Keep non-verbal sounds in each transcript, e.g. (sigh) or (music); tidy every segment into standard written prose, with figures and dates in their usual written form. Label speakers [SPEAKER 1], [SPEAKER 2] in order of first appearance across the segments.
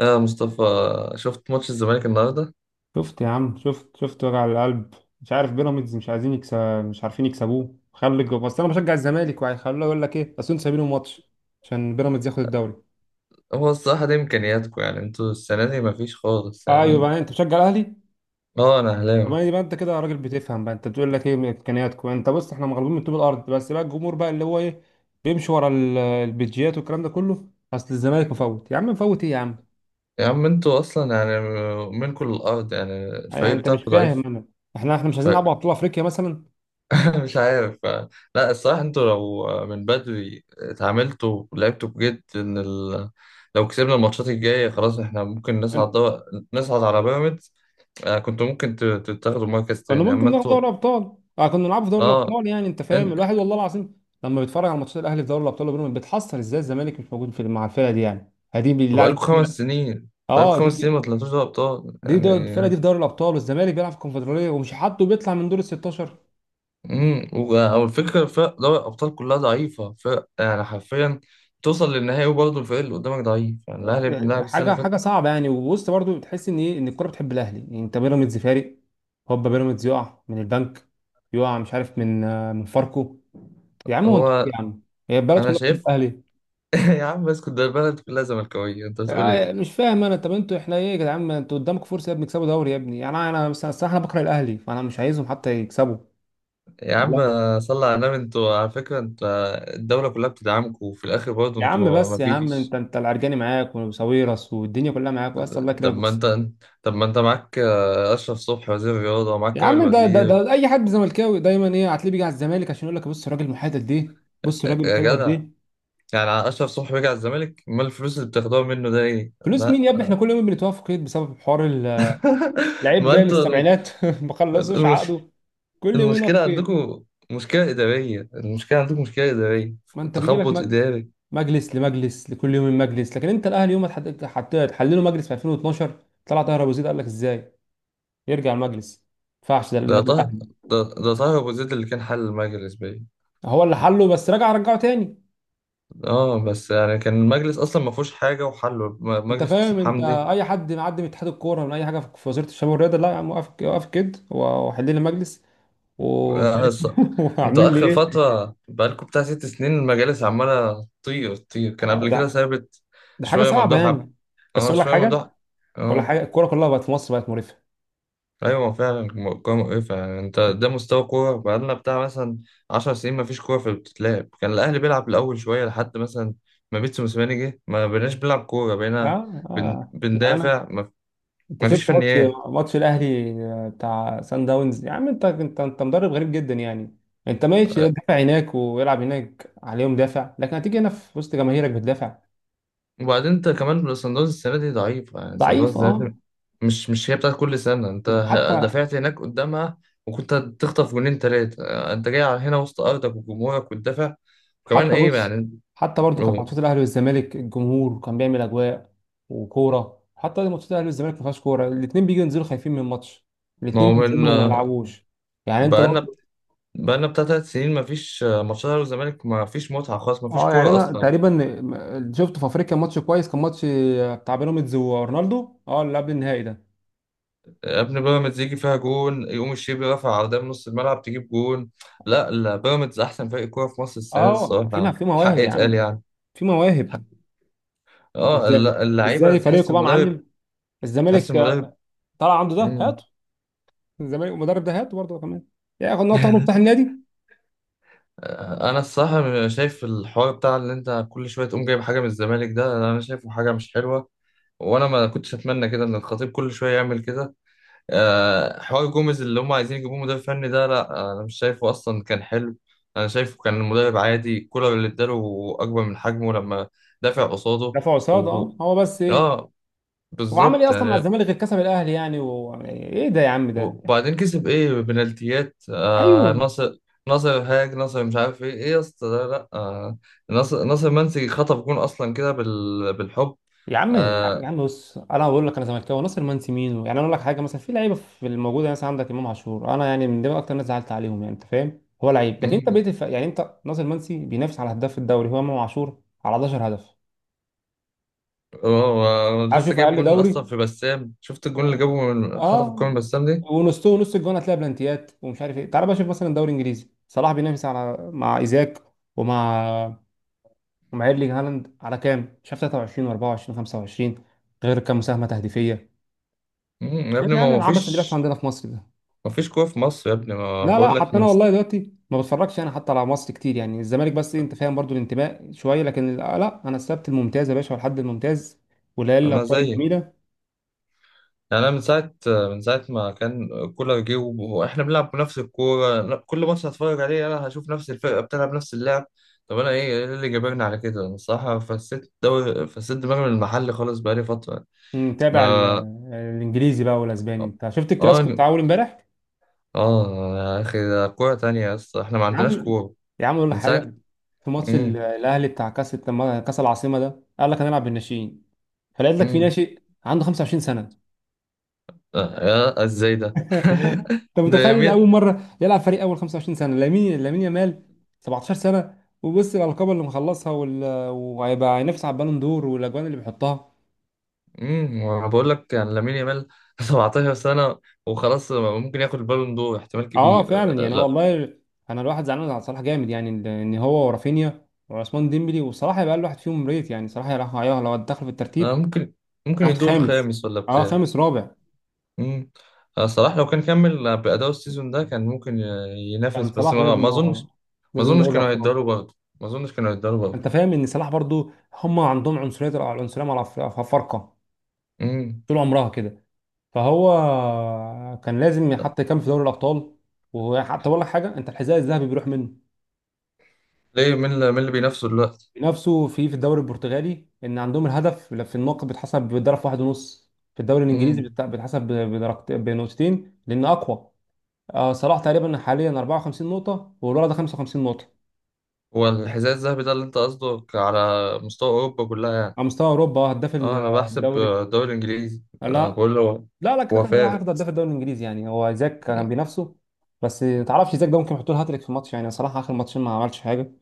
[SPEAKER 1] اه، مصطفى، شفت ماتش الزمالك النهارده؟
[SPEAKER 2] شفت يا عم، شفت وجع القلب. مش عارف بيراميدز مش عايزين يكسب، مش عارفين يكسبوه. بس انا بشجع الزمالك وهيخلوه، يقول لك ايه بس انتوا سايبينه ماتش عشان بيراميدز ياخد الدوري.
[SPEAKER 1] هو الصراحه دي امكانياتكم، يعني انتوا السنه دي مفيش خالص
[SPEAKER 2] ايوه
[SPEAKER 1] يعني.
[SPEAKER 2] بقى، انت بتشجع الاهلي.
[SPEAKER 1] اه، انا اهلاوي.
[SPEAKER 2] ما يبقى انت كده راجل بتفهم بقى، انت بتقول لك ايه من امكانياتكم؟ انت بص، احنا مغلوبين من طوب الارض، بس بقى الجمهور بقى اللي هو ايه، بيمشي ورا البيجيات والكلام ده كله. اصل الزمالك مفوت يا عم، مفوت ايه يا عم؟
[SPEAKER 1] يا عم انتوا اصلا يعني منكم الارض، يعني
[SPEAKER 2] يعني
[SPEAKER 1] الفريق
[SPEAKER 2] انت مش
[SPEAKER 1] بتاعكم ضعيف.
[SPEAKER 2] فاهم؟ انا، احنا مش عايزين نلعب على بطوله افريقيا مثلا.
[SPEAKER 1] (laughs) مش عارف. لا الصراحة انتوا لو من بدري اتعاملتوا ولعبتوا بجد لو كسبنا الماتشات الجاية خلاص احنا ممكن نصعد على بيراميدز. كنتوا ممكن تتاخدوا مركز
[SPEAKER 2] كنا
[SPEAKER 1] تاني
[SPEAKER 2] ممكن
[SPEAKER 1] اما
[SPEAKER 2] ناخد
[SPEAKER 1] انتوا.
[SPEAKER 2] دوري ابطال، آه، كنا نلعب في دوري
[SPEAKER 1] اه،
[SPEAKER 2] الابطال. يعني انت فاهم،
[SPEAKER 1] انت
[SPEAKER 2] الواحد والله العظيم لما بيتفرج على ماتشات الاهلي في دوري الابطال وبيراميدز بيتحسر ازاي الزمالك مش موجود في مع الفرقه دي، يعني هدي
[SPEAKER 1] انتوا
[SPEAKER 2] بالله عليك
[SPEAKER 1] بقالكوا خمس
[SPEAKER 2] كده.
[SPEAKER 1] سنين، بقالكوا
[SPEAKER 2] اه
[SPEAKER 1] خمس سنين
[SPEAKER 2] دي،
[SPEAKER 1] ما طلعتوش دوري ابطال
[SPEAKER 2] الفرقه
[SPEAKER 1] يعني.
[SPEAKER 2] دي في دوري الابطال والزمالك بيلعب في الكونفدراليه ومش حاطه، بيطلع من دور ال 16.
[SPEAKER 1] او الفكرة، فرق دوري الابطال كلها ضعيفة، فرق يعني حرفيا توصل للنهائي وبرضه الفريق اللي قدامك ضعيف، يعني الاهلي
[SPEAKER 2] آه،
[SPEAKER 1] بنلعب السنة
[SPEAKER 2] حاجه
[SPEAKER 1] اللي فاتت.
[SPEAKER 2] حاجه صعبه يعني، ووسط برضو بتحس ان ايه، ان الكوره بتحب الاهلي. يعني انت بيراميدز فارق، هوبا بيراميدز يقع من البنك، يقع مش عارف من من فاركو. يا عم هو انتوا إيه
[SPEAKER 1] هو
[SPEAKER 2] يا عم؟ هي البلد
[SPEAKER 1] انا
[SPEAKER 2] كلها بتحب
[SPEAKER 1] شايف.
[SPEAKER 2] الاهلي.
[SPEAKER 1] يا عم اسكت، ده البلد كلها زملكاوية، انت بتقول ايه؟
[SPEAKER 2] مش فاهم انا. طب انتوا احنا ايه يا جدعان؟ ما انتوا قدامكم فرصه يا ابني، تكسبوا دوري يا ابني. يعني انا بس الصراحه انا بكره الاهلي، فانا مش عايزهم حتى يكسبوا.
[SPEAKER 1] يا عم
[SPEAKER 2] لا.
[SPEAKER 1] صلى على النبي، انتوا على فكرة، الدولة كلها بتدعمكم وفي الاخر برضه
[SPEAKER 2] يا عم
[SPEAKER 1] انتوا
[SPEAKER 2] بس يا عم، انت
[SPEAKER 1] مفيش.
[SPEAKER 2] انت العرجاني معاك وساويرس والدنيا كلها معاك، بس الله يكرمك
[SPEAKER 1] طب ما
[SPEAKER 2] بس.
[SPEAKER 1] انت طب ما انت معاك اشرف صبحي وزير الرياضة ومعاك
[SPEAKER 2] يا
[SPEAKER 1] كامل
[SPEAKER 2] عم ده ده,
[SPEAKER 1] وزير.
[SPEAKER 2] ده اي حد زملكاوي دايما ايه هتلاقيه بيجي على الزمالك عشان يقول لك بص الراجل المحايد دي، بص الراجل
[SPEAKER 1] يا
[SPEAKER 2] الحلوه
[SPEAKER 1] جدع،
[SPEAKER 2] دي.
[SPEAKER 1] يعني اشرف صبحي رجع الزمالك، ما الفلوس اللي بتاخدوها منه ده ايه؟
[SPEAKER 2] فلوس مين
[SPEAKER 1] لا.
[SPEAKER 2] يا ابني؟ احنا كل يوم بنتوقف في قيد بسبب حوار
[SPEAKER 1] (laughs)
[SPEAKER 2] لعيب
[SPEAKER 1] ما
[SPEAKER 2] جاي من
[SPEAKER 1] انتوا
[SPEAKER 2] السبعينات (laughs) ما خلصوش
[SPEAKER 1] المش...
[SPEAKER 2] عقده. كل يوم نقف
[SPEAKER 1] المشكلة
[SPEAKER 2] في قيد.
[SPEAKER 1] عندكم مشكلة إدارية، المشكلة عندكم مشكلة إدارية،
[SPEAKER 2] ما انت بيجي
[SPEAKER 1] تخبط
[SPEAKER 2] لك
[SPEAKER 1] إداري.
[SPEAKER 2] مجلس لمجلس، لكل يوم مجلس، لكن انت الاهلي يوم ما تحلله مجلس في 2012، طلع طاهر ابو زيد قال لك ازاي يرجع المجلس؟ ما ينفعش، ده
[SPEAKER 1] ده
[SPEAKER 2] النادي
[SPEAKER 1] طه
[SPEAKER 2] الاهلي.
[SPEAKER 1] ده طه ابو زيد اللي كان حل المجلس باين.
[SPEAKER 2] هو اللي حله بس رجع رجعه تاني.
[SPEAKER 1] اه بس يعني كان المجلس اصلا ما فيهوش حاجه، وحله
[SPEAKER 2] انت
[SPEAKER 1] مجلس
[SPEAKER 2] فاهم؟
[SPEAKER 1] حسن
[SPEAKER 2] انت
[SPEAKER 1] حمدي.
[SPEAKER 2] اي حد معدي من اتحاد الكوره من اي حاجه في وزاره الشباب والرياضه، لا يا عم، وقف وقف كده وحل لي المجلس ومش
[SPEAKER 1] آه،
[SPEAKER 2] عارف
[SPEAKER 1] ص-
[SPEAKER 2] (laughs)
[SPEAKER 1] انتوا
[SPEAKER 2] وعامل لي
[SPEAKER 1] اخر
[SPEAKER 2] ايه.
[SPEAKER 1] فتره بقالكم بتاع ست سنين المجالس عماله تطير تطير، كان
[SPEAKER 2] آه،
[SPEAKER 1] قبل كده
[SPEAKER 2] ده
[SPEAKER 1] ثابت.
[SPEAKER 2] ده حاجه
[SPEAKER 1] شويه
[SPEAKER 2] صعبه
[SPEAKER 1] ممدوح عب-
[SPEAKER 2] يعني. بس
[SPEAKER 1] اه،
[SPEAKER 2] اقول لك
[SPEAKER 1] شويه
[SPEAKER 2] حاجه،
[SPEAKER 1] ممدوح.
[SPEAKER 2] اقول لك
[SPEAKER 1] اه
[SPEAKER 2] حاجه، الكوره كلها بقت في مصر بقت مريفه.
[SPEAKER 1] ايوه، هو فعلا كوره مقرفه. يعني انت ده مستوى كوره بقالنا بتاع مثلا 10 سنين، ما فيش كوره في بتتلعب. كان الاهلي بيلعب الاول شويه لحد مثلا ما بيتسو موسيماني جه، ما بقيناش بنلعب كوره، بقينا
[SPEAKER 2] اه
[SPEAKER 1] بن...
[SPEAKER 2] اه، يعني انا،
[SPEAKER 1] بندافع ما...
[SPEAKER 2] انت
[SPEAKER 1] ما
[SPEAKER 2] شفت
[SPEAKER 1] فيش
[SPEAKER 2] ماتش،
[SPEAKER 1] فنيات.
[SPEAKER 2] ماتش الاهلي بتاع سان داونز. يا عم انت مدرب غريب جدا يعني، انت ماشي لا
[SPEAKER 1] أه،
[SPEAKER 2] تدافع هناك ويلعب هناك عليهم دافع، لكن هتيجي هنا في وسط جماهيرك بتدافع.
[SPEAKER 1] وبعدين انت كمان، صن داونز السنه دي ضعيف، يعني صن
[SPEAKER 2] ضعيف
[SPEAKER 1] داونز السنه
[SPEAKER 2] اه.
[SPEAKER 1] دي مش هي بتاعت كل سنه. انت
[SPEAKER 2] حتى
[SPEAKER 1] دافعت هناك قدامها وكنت تخطف جونين ثلاثه، انت جاي على هنا وسط ارضك وجمهورك وتدافع وكمان
[SPEAKER 2] حتى
[SPEAKER 1] ايه
[SPEAKER 2] بص،
[SPEAKER 1] يعني.
[SPEAKER 2] حتى برضو كان
[SPEAKER 1] هو-
[SPEAKER 2] ماتشات الاهلي والزمالك الجمهور كان بيعمل اجواء وكوره. حتى ماتشات الاهلي والزمالك ما فيهاش كوره، الاثنين بيجوا ينزلوا خايفين من الماتش،
[SPEAKER 1] ما
[SPEAKER 2] الاثنين
[SPEAKER 1] هو من
[SPEAKER 2] بينزلوا وما يلعبوش. يعني انت
[SPEAKER 1] بقالنا
[SPEAKER 2] برضو،
[SPEAKER 1] بقالنا بتاع تلات سنين مفيش ماتشات الاهلي والزمالك، مفيش متعه خالص، مفيش
[SPEAKER 2] اه، يعني
[SPEAKER 1] كوره
[SPEAKER 2] انا
[SPEAKER 1] اصلا.
[SPEAKER 2] تقريبا شفت في افريقيا ماتش كويس، كان ماتش بتاع بيراميدز ورونالدو، اه اللي قبل النهائي ده.
[SPEAKER 1] يا ابني بيراميدز يجي فيها جون يقوم الشيبي رافع عرضيه من نص الملعب تجيب جون. لا لا، بيراميدز احسن فريق كوره في مصر السنه دي،
[SPEAKER 2] اه، في
[SPEAKER 1] الصراحه
[SPEAKER 2] في
[SPEAKER 1] الحق
[SPEAKER 2] مواهب يا
[SPEAKER 1] يتقال
[SPEAKER 2] عم،
[SPEAKER 1] يعني.
[SPEAKER 2] في مواهب. ازاي
[SPEAKER 1] اللعيبه
[SPEAKER 2] ازاي
[SPEAKER 1] تحس
[SPEAKER 2] فريقه بقى
[SPEAKER 1] المدرب،
[SPEAKER 2] معلم. الزمالك
[SPEAKER 1] تحس المدرب.
[SPEAKER 2] طلع عنده ده
[SPEAKER 1] مم.
[SPEAKER 2] هاته، الزمالك المدرب ده هاته برضه كمان ياخد نقطه، تاخده بتاع
[SPEAKER 1] (laughs)
[SPEAKER 2] النادي.
[SPEAKER 1] انا الصراحه شايف الحوار بتاع اللي انت كل شويه تقوم جايب حاجه من الزمالك ده، انا شايفه حاجه مش حلوه. وانا ما كنتش اتمنى كده ان الخطيب كل شويه يعمل كده. حوار جوميز اللي هم عايزين يجيبوه مدرب فني ده، لا انا مش شايفه اصلا كان حلو. انا شايفه كان المدرب عادي، كولر اللي اداله اكبر من حجمه لما دافع قصاده.
[SPEAKER 2] دفع قصاد
[SPEAKER 1] و...
[SPEAKER 2] اه، هو بس ايه؟
[SPEAKER 1] اه
[SPEAKER 2] هو عمل ايه
[SPEAKER 1] بالظبط
[SPEAKER 2] اصلا مع
[SPEAKER 1] يعني.
[SPEAKER 2] الزمالك غير كسب الاهلي؟ يعني يعني ايه ده يا عم ده.
[SPEAKER 1] وبعدين كسب ايه؟ بنالتيات،
[SPEAKER 2] ايوه.
[SPEAKER 1] ناصر، ناصر هاج، ناصر مش عارف ايه يا اسطى ده، لا آه، ناصر منسي خطف جون اصلا كده بالحب.
[SPEAKER 2] يا عم يا
[SPEAKER 1] آه.
[SPEAKER 2] عم، بص انا بقول لك انا زملكاوي، ناصر منسي مين يعني؟ انا اقول لك حاجه مثلا، في لعيبه في الموجوده مثلا عندك امام عاشور، انا يعني من دول اكتر ناس زعلت عليهم، يعني انت فاهم، هو لعيب لكن انت
[SPEAKER 1] مم.
[SPEAKER 2] بقيت يعني، انت ناصر منسي بينافس على هداف الدوري، هو امام عاشور على 11 هدف.
[SPEAKER 1] هو هو
[SPEAKER 2] عايز
[SPEAKER 1] لسه
[SPEAKER 2] اشوف
[SPEAKER 1] جايب
[SPEAKER 2] اقل
[SPEAKER 1] جون اصلا
[SPEAKER 2] دوري.
[SPEAKER 1] في بسام، شفت الجون اللي
[SPEAKER 2] اه.
[SPEAKER 1] جابه من خطف الكورة
[SPEAKER 2] آه.
[SPEAKER 1] من بسام دي؟
[SPEAKER 2] ونصه ونص الجون هتلاقي بلانتيات ومش عارف ايه. تعال بقى شوف مثلا دوري انجليزي، صلاح بينافس على مع ايزاك ومع ومع ايرلينج هالاند على كام؟ مش عارف 23 و24 و25، غير كام مساهمه تهديفيه.
[SPEAKER 1] يا
[SPEAKER 2] ايه
[SPEAKER 1] ابني
[SPEAKER 2] ده يعني، العبث اللي بيحصل عندنا في مصر ده.
[SPEAKER 1] ما فيش قوة في مصر يا ابني، ما
[SPEAKER 2] لا لا،
[SPEAKER 1] بقول لك
[SPEAKER 2] حتى انا والله دلوقتي ما بتفرجش انا حتى على مصر كتير، يعني الزمالك بس إيه، انت فاهم، برضو الانتماء شويه، لكن لا، انا السبت الممتاز يا باشا والحد الممتاز وليالي
[SPEAKER 1] انا
[SPEAKER 2] الابطال
[SPEAKER 1] زيك.
[SPEAKER 2] الجميله.
[SPEAKER 1] يعني انا من ساعة ما كان كولر جه واحنا بنلعب بنفس الكورة. لا، كل ماتش هتفرج عليه انا هشوف نفس الفرقة بتلعب نفس اللعب. طب انا إيه اللي جابرني على كده؟ انا الصراحة فسيت الدوري، فسيت دماغي من المحل خالص بقالي فترة.
[SPEAKER 2] متابع
[SPEAKER 1] ما
[SPEAKER 2] الانجليزي بقى والاسباني، انت شفت الكلاسيكو
[SPEAKER 1] اه
[SPEAKER 2] بتاع اول امبارح؟
[SPEAKER 1] اه، يا اخي ده كورة تانية يا اسطى، احنا ما
[SPEAKER 2] يا
[SPEAKER 1] عندناش
[SPEAKER 2] عم
[SPEAKER 1] كورة
[SPEAKER 2] يا عم، اقول لك
[SPEAKER 1] من ساعة.
[SPEAKER 2] حاجه، في ماتش
[SPEAKER 1] امم
[SPEAKER 2] الاهلي بتاع كاس، لما كاس العاصمه ده قال لك هنلعب بالناشئين، فلقيت لك في
[SPEAKER 1] امم
[SPEAKER 2] ناشئ عنده 25.
[SPEAKER 1] يا ازاي ده!
[SPEAKER 2] (laughs)
[SPEAKER 1] (laughs)
[SPEAKER 2] انت
[SPEAKER 1] ده
[SPEAKER 2] متخيل؟ اول
[SPEAKER 1] يمين.
[SPEAKER 2] مره يلعب فريق اول 25 سنه، لامين، لامين يامال 17 سنه، وبص الالقاب اللي مخلصها وهيبقى هينافس على البالون دور والاجوان اللي بيحطها.
[SPEAKER 1] وانا بقول لك يعني، لامين يامال (laughs) 17 سنه، وخلاص ممكن ياخد البالون دور احتمال
[SPEAKER 2] اه
[SPEAKER 1] كبير.
[SPEAKER 2] فعلا يعني
[SPEAKER 1] لا.
[SPEAKER 2] والله، انا الواحد زعلان على صلاح جامد، يعني ان هو ورافينيا وعثمان ديمبلي، وصلاح هيبقى اقل واحد فيهم، ريت يعني صلاح راح لو دخل في الترتيب.
[SPEAKER 1] ممكن، ممكن
[SPEAKER 2] اخد
[SPEAKER 1] يدور
[SPEAKER 2] خامس.
[SPEAKER 1] الخامس ولا
[SPEAKER 2] اه،
[SPEAKER 1] بتاع.
[SPEAKER 2] خامس رابع.
[SPEAKER 1] امم صلاح لو كان كمل بأداء السيزون ده كان ممكن ينافس،
[SPEAKER 2] كان
[SPEAKER 1] بس
[SPEAKER 2] صلاح
[SPEAKER 1] ما
[SPEAKER 2] لازم، هو
[SPEAKER 1] اظنش. ما
[SPEAKER 2] لازم
[SPEAKER 1] اظنش
[SPEAKER 2] دوري
[SPEAKER 1] كانوا
[SPEAKER 2] الابطال.
[SPEAKER 1] هيداروا برضه، ما اظنش كانوا هيداروا برضه.
[SPEAKER 2] انت فاهم ان صلاح برضو، هم عندهم عنصريه، العنصريه مع الافارقه
[SPEAKER 1] امم
[SPEAKER 2] طول عمرها كده، فهو كان لازم يحط كام في دوري الابطال. وحتى اقول لك حاجه، انت الحذاء الذهبي بيروح منه
[SPEAKER 1] ليه؟ مين اللي بينافسه دلوقتي؟
[SPEAKER 2] بنفسه، في الدوري البرتغالي ان عندهم الهدف في النقط بيتحسب بضرب واحد ونص، في الدوري الانجليزي
[SPEAKER 1] امم
[SPEAKER 2] بنقطتين لان اقوى. آه، صلاح تقريبا حاليا 54 نقطه والولد ده 55 نقطه.
[SPEAKER 1] هو الحذاء الذهبي ده اللي انت قصدك على مستوى اوروبا كلها يعني؟
[SPEAKER 2] على مستوى اوروبا آه، هداف
[SPEAKER 1] اه انا بحسب
[SPEAKER 2] الدوري.
[SPEAKER 1] الدوري الانجليزي،
[SPEAKER 2] لا
[SPEAKER 1] انا بقول له
[SPEAKER 2] لا لا، كده
[SPEAKER 1] هو
[SPEAKER 2] كان صلاح
[SPEAKER 1] فارق.
[SPEAKER 2] هياخد هداف الدوري الانجليزي، يعني هو زاك كان بينافسه، بس ما تعرفش، زاك ده ممكن يحط له هاتريك في ماتش، يعني صلاح اخر ماتشين ما عملش حاجه.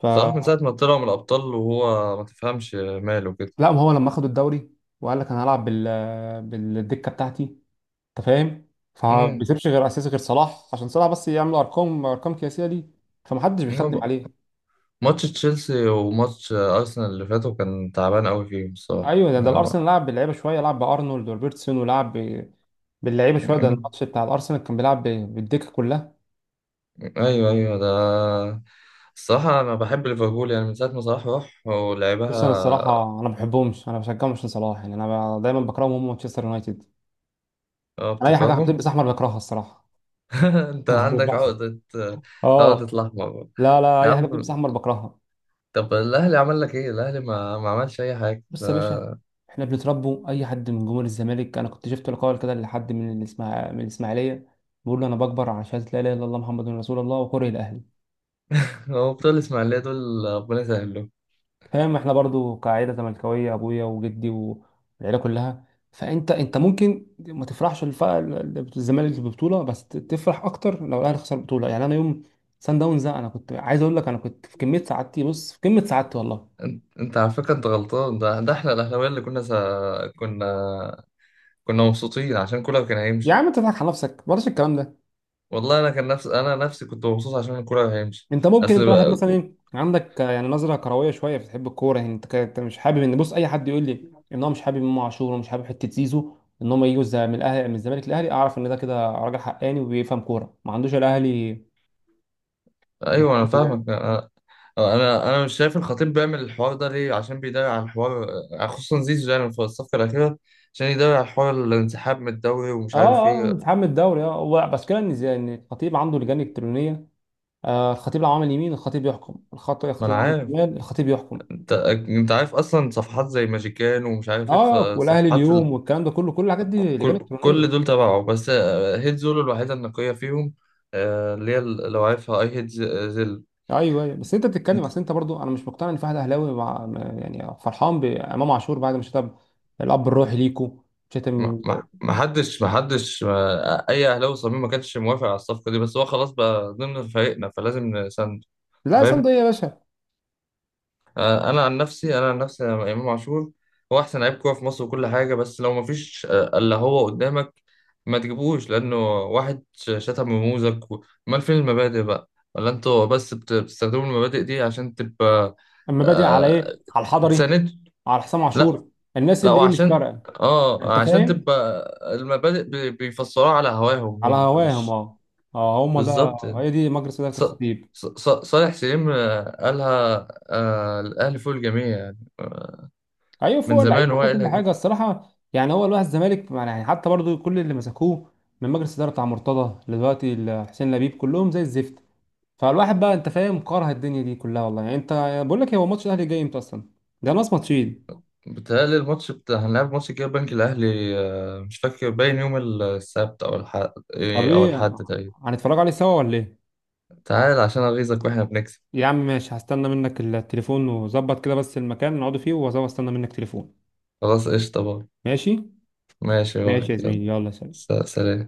[SPEAKER 2] ف
[SPEAKER 1] صلاح من ساعة ما طلع من الأبطال وهو ما تفهمش ماله كده.
[SPEAKER 2] لا، ما هو لما اخدوا الدوري وقال لك انا هلعب بالدكه بتاعتي. انت فاهم، فما
[SPEAKER 1] امم
[SPEAKER 2] بيسيبش غير اساسي غير صلاح عشان صلاح بس يعمل ارقام قياسيه دي، فمحدش بيخدم
[SPEAKER 1] هو
[SPEAKER 2] عليه.
[SPEAKER 1] ماتش تشيلسي وماتش أرسنال اللي فاتوا كان تعبان أوي فيهم الصراحة،
[SPEAKER 2] ايوه، ده الارسنال لعب باللعيبه شويه، لعب بارنولد وروبرتسون، ولعب باللعيبه شويه، ده
[SPEAKER 1] أمم.
[SPEAKER 2] الماتش بتاع الارسنال كان بيلعب بالدكه كلها.
[SPEAKER 1] أيوه أيوه، ده الصراحة أنا بحب ليفربول يعني من ساعة ما صلاح راح
[SPEAKER 2] بص انا
[SPEAKER 1] ولعبها.
[SPEAKER 2] الصراحه انا ما بحبهمش، انا بشجعهم عشان صلاح، يعني انا دايما بكرههم، هم مانشستر يونايتد،
[SPEAKER 1] آه،
[SPEAKER 2] انا اي حاجه
[SPEAKER 1] بتكرههم.
[SPEAKER 2] بتلبس احمر بكرهها الصراحه.
[SPEAKER 1] (laughs) أنت عندك
[SPEAKER 2] (laughs)
[SPEAKER 1] عقدة، عقدة
[SPEAKER 2] اه.
[SPEAKER 1] الأحمر.
[SPEAKER 2] لا لا،
[SPEAKER 1] يا
[SPEAKER 2] اي حاجه
[SPEAKER 1] عم
[SPEAKER 2] بتلبس احمر بكرهها.
[SPEAKER 1] طب الأهلي عمل لك إيه؟ الأهلي ما عملش أي حاجة.
[SPEAKER 2] بص
[SPEAKER 1] (laughs)
[SPEAKER 2] يا باشا، احنا بنتربوا، اي حد من جمهور الزمالك، انا كنت شفت لقاء كده لحد من من الاسماعيليه بيقول له انا بكبر على شهاده لا اله الا الله محمد رسول الله وكره الاهلي.
[SPEAKER 1] هو بتوع الإسماعيلية دول ربنا يسهل لهم.
[SPEAKER 2] فاهم، احنا برضو كعائله زملكاويه، ابويا وجدي والعيله كلها، فانت ممكن ما تفرحش الزمالك في البطوله، بس تفرح اكتر لو الاهلي خسر البطوله. يعني انا يوم سان داونز ده انا كنت عايز اقول لك، انا كنت في كميه سعادتي، بص في كميه سعادتي والله.
[SPEAKER 1] انت على فكره انت غلطان، ده احنا الاهلاويه اللي كنا سا... كنا كنا مبسوطين عشان كولر كان
[SPEAKER 2] يا
[SPEAKER 1] هيمشي.
[SPEAKER 2] عم انت تضحك على نفسك، بلاش الكلام ده.
[SPEAKER 1] والله انا كان نفس انا نفسي كنت مبسوط عشان كولر هيمشي.
[SPEAKER 2] انت ممكن،
[SPEAKER 1] اصل
[SPEAKER 2] انت واحد
[SPEAKER 1] بقى...
[SPEAKER 2] مثلا ايه عندك يعني نظره كرويه شويه بتحب الكوره، يعني انت انت مش حابب ان، بص اي حد يقول لي ان هو مش حابب امام عاشور ومش حابب حته زيزو، ان هم يجوا من الاهلي من الزمالك للاهلي، اعرف ان ده كده راجل حقاني وبيفهم كوره، ما عندوش الاهلي. (laughs)
[SPEAKER 1] ايوه انا
[SPEAKER 2] الحاجات اللي-
[SPEAKER 1] فاهمك انا، انا مش شايف الخطيب بيعمل الحوار ده ليه، عشان بيدافع عن الحوار، خصوصا زيزو يعني في الصفقه الاخيره، عشان يدافع عن حوار الانسحاب من الدوري ومش عارف
[SPEAKER 2] اه اه،
[SPEAKER 1] ايه.
[SPEAKER 2] انسحاب الدوري، اه هو بس كده ان ان الخطيب عنده لجان الكترونيه. آه، الخطيب لو عمل يمين الخطيب يحكم،
[SPEAKER 1] ما
[SPEAKER 2] الخطيب
[SPEAKER 1] انا
[SPEAKER 2] لو عمل
[SPEAKER 1] عارف،
[SPEAKER 2] شمال الخطيب يحكم.
[SPEAKER 1] انت عارف اصلا صفحات زي ماجيكان ومش عارف ايه،
[SPEAKER 2] اه، والاهلي
[SPEAKER 1] صفحات.
[SPEAKER 2] اليوم والكلام ده كله، كل الحاجات دي لجان
[SPEAKER 1] كل
[SPEAKER 2] الكترونيه.
[SPEAKER 1] دول تبعه بس، هيد زولو الوحيدة النقية فيهم، اللي هي لو عارفها اي هيد زيل.
[SPEAKER 2] ايوه ايوه، بس انت بتتكلم، اصل انت برضو، انا مش مقتنع ان في واحد اهلاوي مع، يعني فرحان بامام عاشور بعد ما شتم الاب الروحي ليكو، شتم.
[SPEAKER 1] ما ما- ما حدش ما حدش ما- اي اهلاوي صميم ما كانش موافق على الصفقة دي، بس هو خلاص بقى ضمن فريقنا فلازم نساند. انت
[SPEAKER 2] لا صندوق
[SPEAKER 1] فاهم؟
[SPEAKER 2] ايه يا باشا؟
[SPEAKER 1] انا عن نفسي، أنا امام عاشور هو احسن لعيب كوره في مصر وكل حاجه، بس لو ما فيش الا هو قدامك ما تجيبوش، لانه واحد شتم رموزك امال فين المبادئ بقى؟ ولا انتوا بس بتستخدموا المبادئ دي عشان تبقى
[SPEAKER 2] اما بادئ على
[SPEAKER 1] آه،
[SPEAKER 2] ايه، على الحضري،
[SPEAKER 1] تساند.
[SPEAKER 2] على حسام
[SPEAKER 1] لا
[SPEAKER 2] عاشور، الناس
[SPEAKER 1] لا،
[SPEAKER 2] اللي ايه، مش
[SPEAKER 1] وعشان
[SPEAKER 2] فارقه.
[SPEAKER 1] اه
[SPEAKER 2] انت
[SPEAKER 1] عشان
[SPEAKER 2] فاهم،
[SPEAKER 1] تبقى المبادئ بيفسروها على هواهم،
[SPEAKER 2] على
[SPEAKER 1] هم
[SPEAKER 2] هواهم
[SPEAKER 1] مش
[SPEAKER 2] اه اه، هم ده،
[SPEAKER 1] بالظبط يعني.
[SPEAKER 2] هي دي مجلس اداره
[SPEAKER 1] ص-
[SPEAKER 2] الخطيب.
[SPEAKER 1] صالح سليم قالها، الاهلي فوق الجميع يعني،
[SPEAKER 2] ايوه
[SPEAKER 1] من
[SPEAKER 2] فوق
[SPEAKER 1] زمان
[SPEAKER 2] اللعيبه
[SPEAKER 1] هو
[SPEAKER 2] فوق كل
[SPEAKER 1] قايلها كده.
[SPEAKER 2] حاجه الصراحه، يعني هو الواحد الزمالك يعني حتى برضو كل اللي مسكوه من مجلس اداره بتاع مرتضى لدلوقتي حسين لبيب، كلهم زي الزفت. فالواحد بقى انت فاهم، كاره الدنيا دي كلها والله. يعني انت، بقول لك، هو ماتش الاهلي جاي امتى اصلا؟ ده ناقص ماتشين.
[SPEAKER 1] بتهيألي الماتش بتاع هنلعب ماتش كده بنك الأهلي، مش فاكر باين يوم السبت أو الحد،
[SPEAKER 2] طب
[SPEAKER 1] أو
[SPEAKER 2] ايه،
[SPEAKER 1] الحد تقريبا.
[SPEAKER 2] هنتفرج عليه سوا ولا ايه؟
[SPEAKER 1] تعال عشان أغيظك وإحنا بنكسب.
[SPEAKER 2] يا عم ماشي، هستنى منك التليفون وظبط كده بس المكان نقعد فيه، واستنى منك تليفون.
[SPEAKER 1] خلاص قشطة بقى،
[SPEAKER 2] ماشي،
[SPEAKER 1] ماشي
[SPEAKER 2] ماشي
[SPEAKER 1] بقى
[SPEAKER 2] يا
[SPEAKER 1] يلا.
[SPEAKER 2] زميلي، يلا سلام.
[SPEAKER 1] سلام.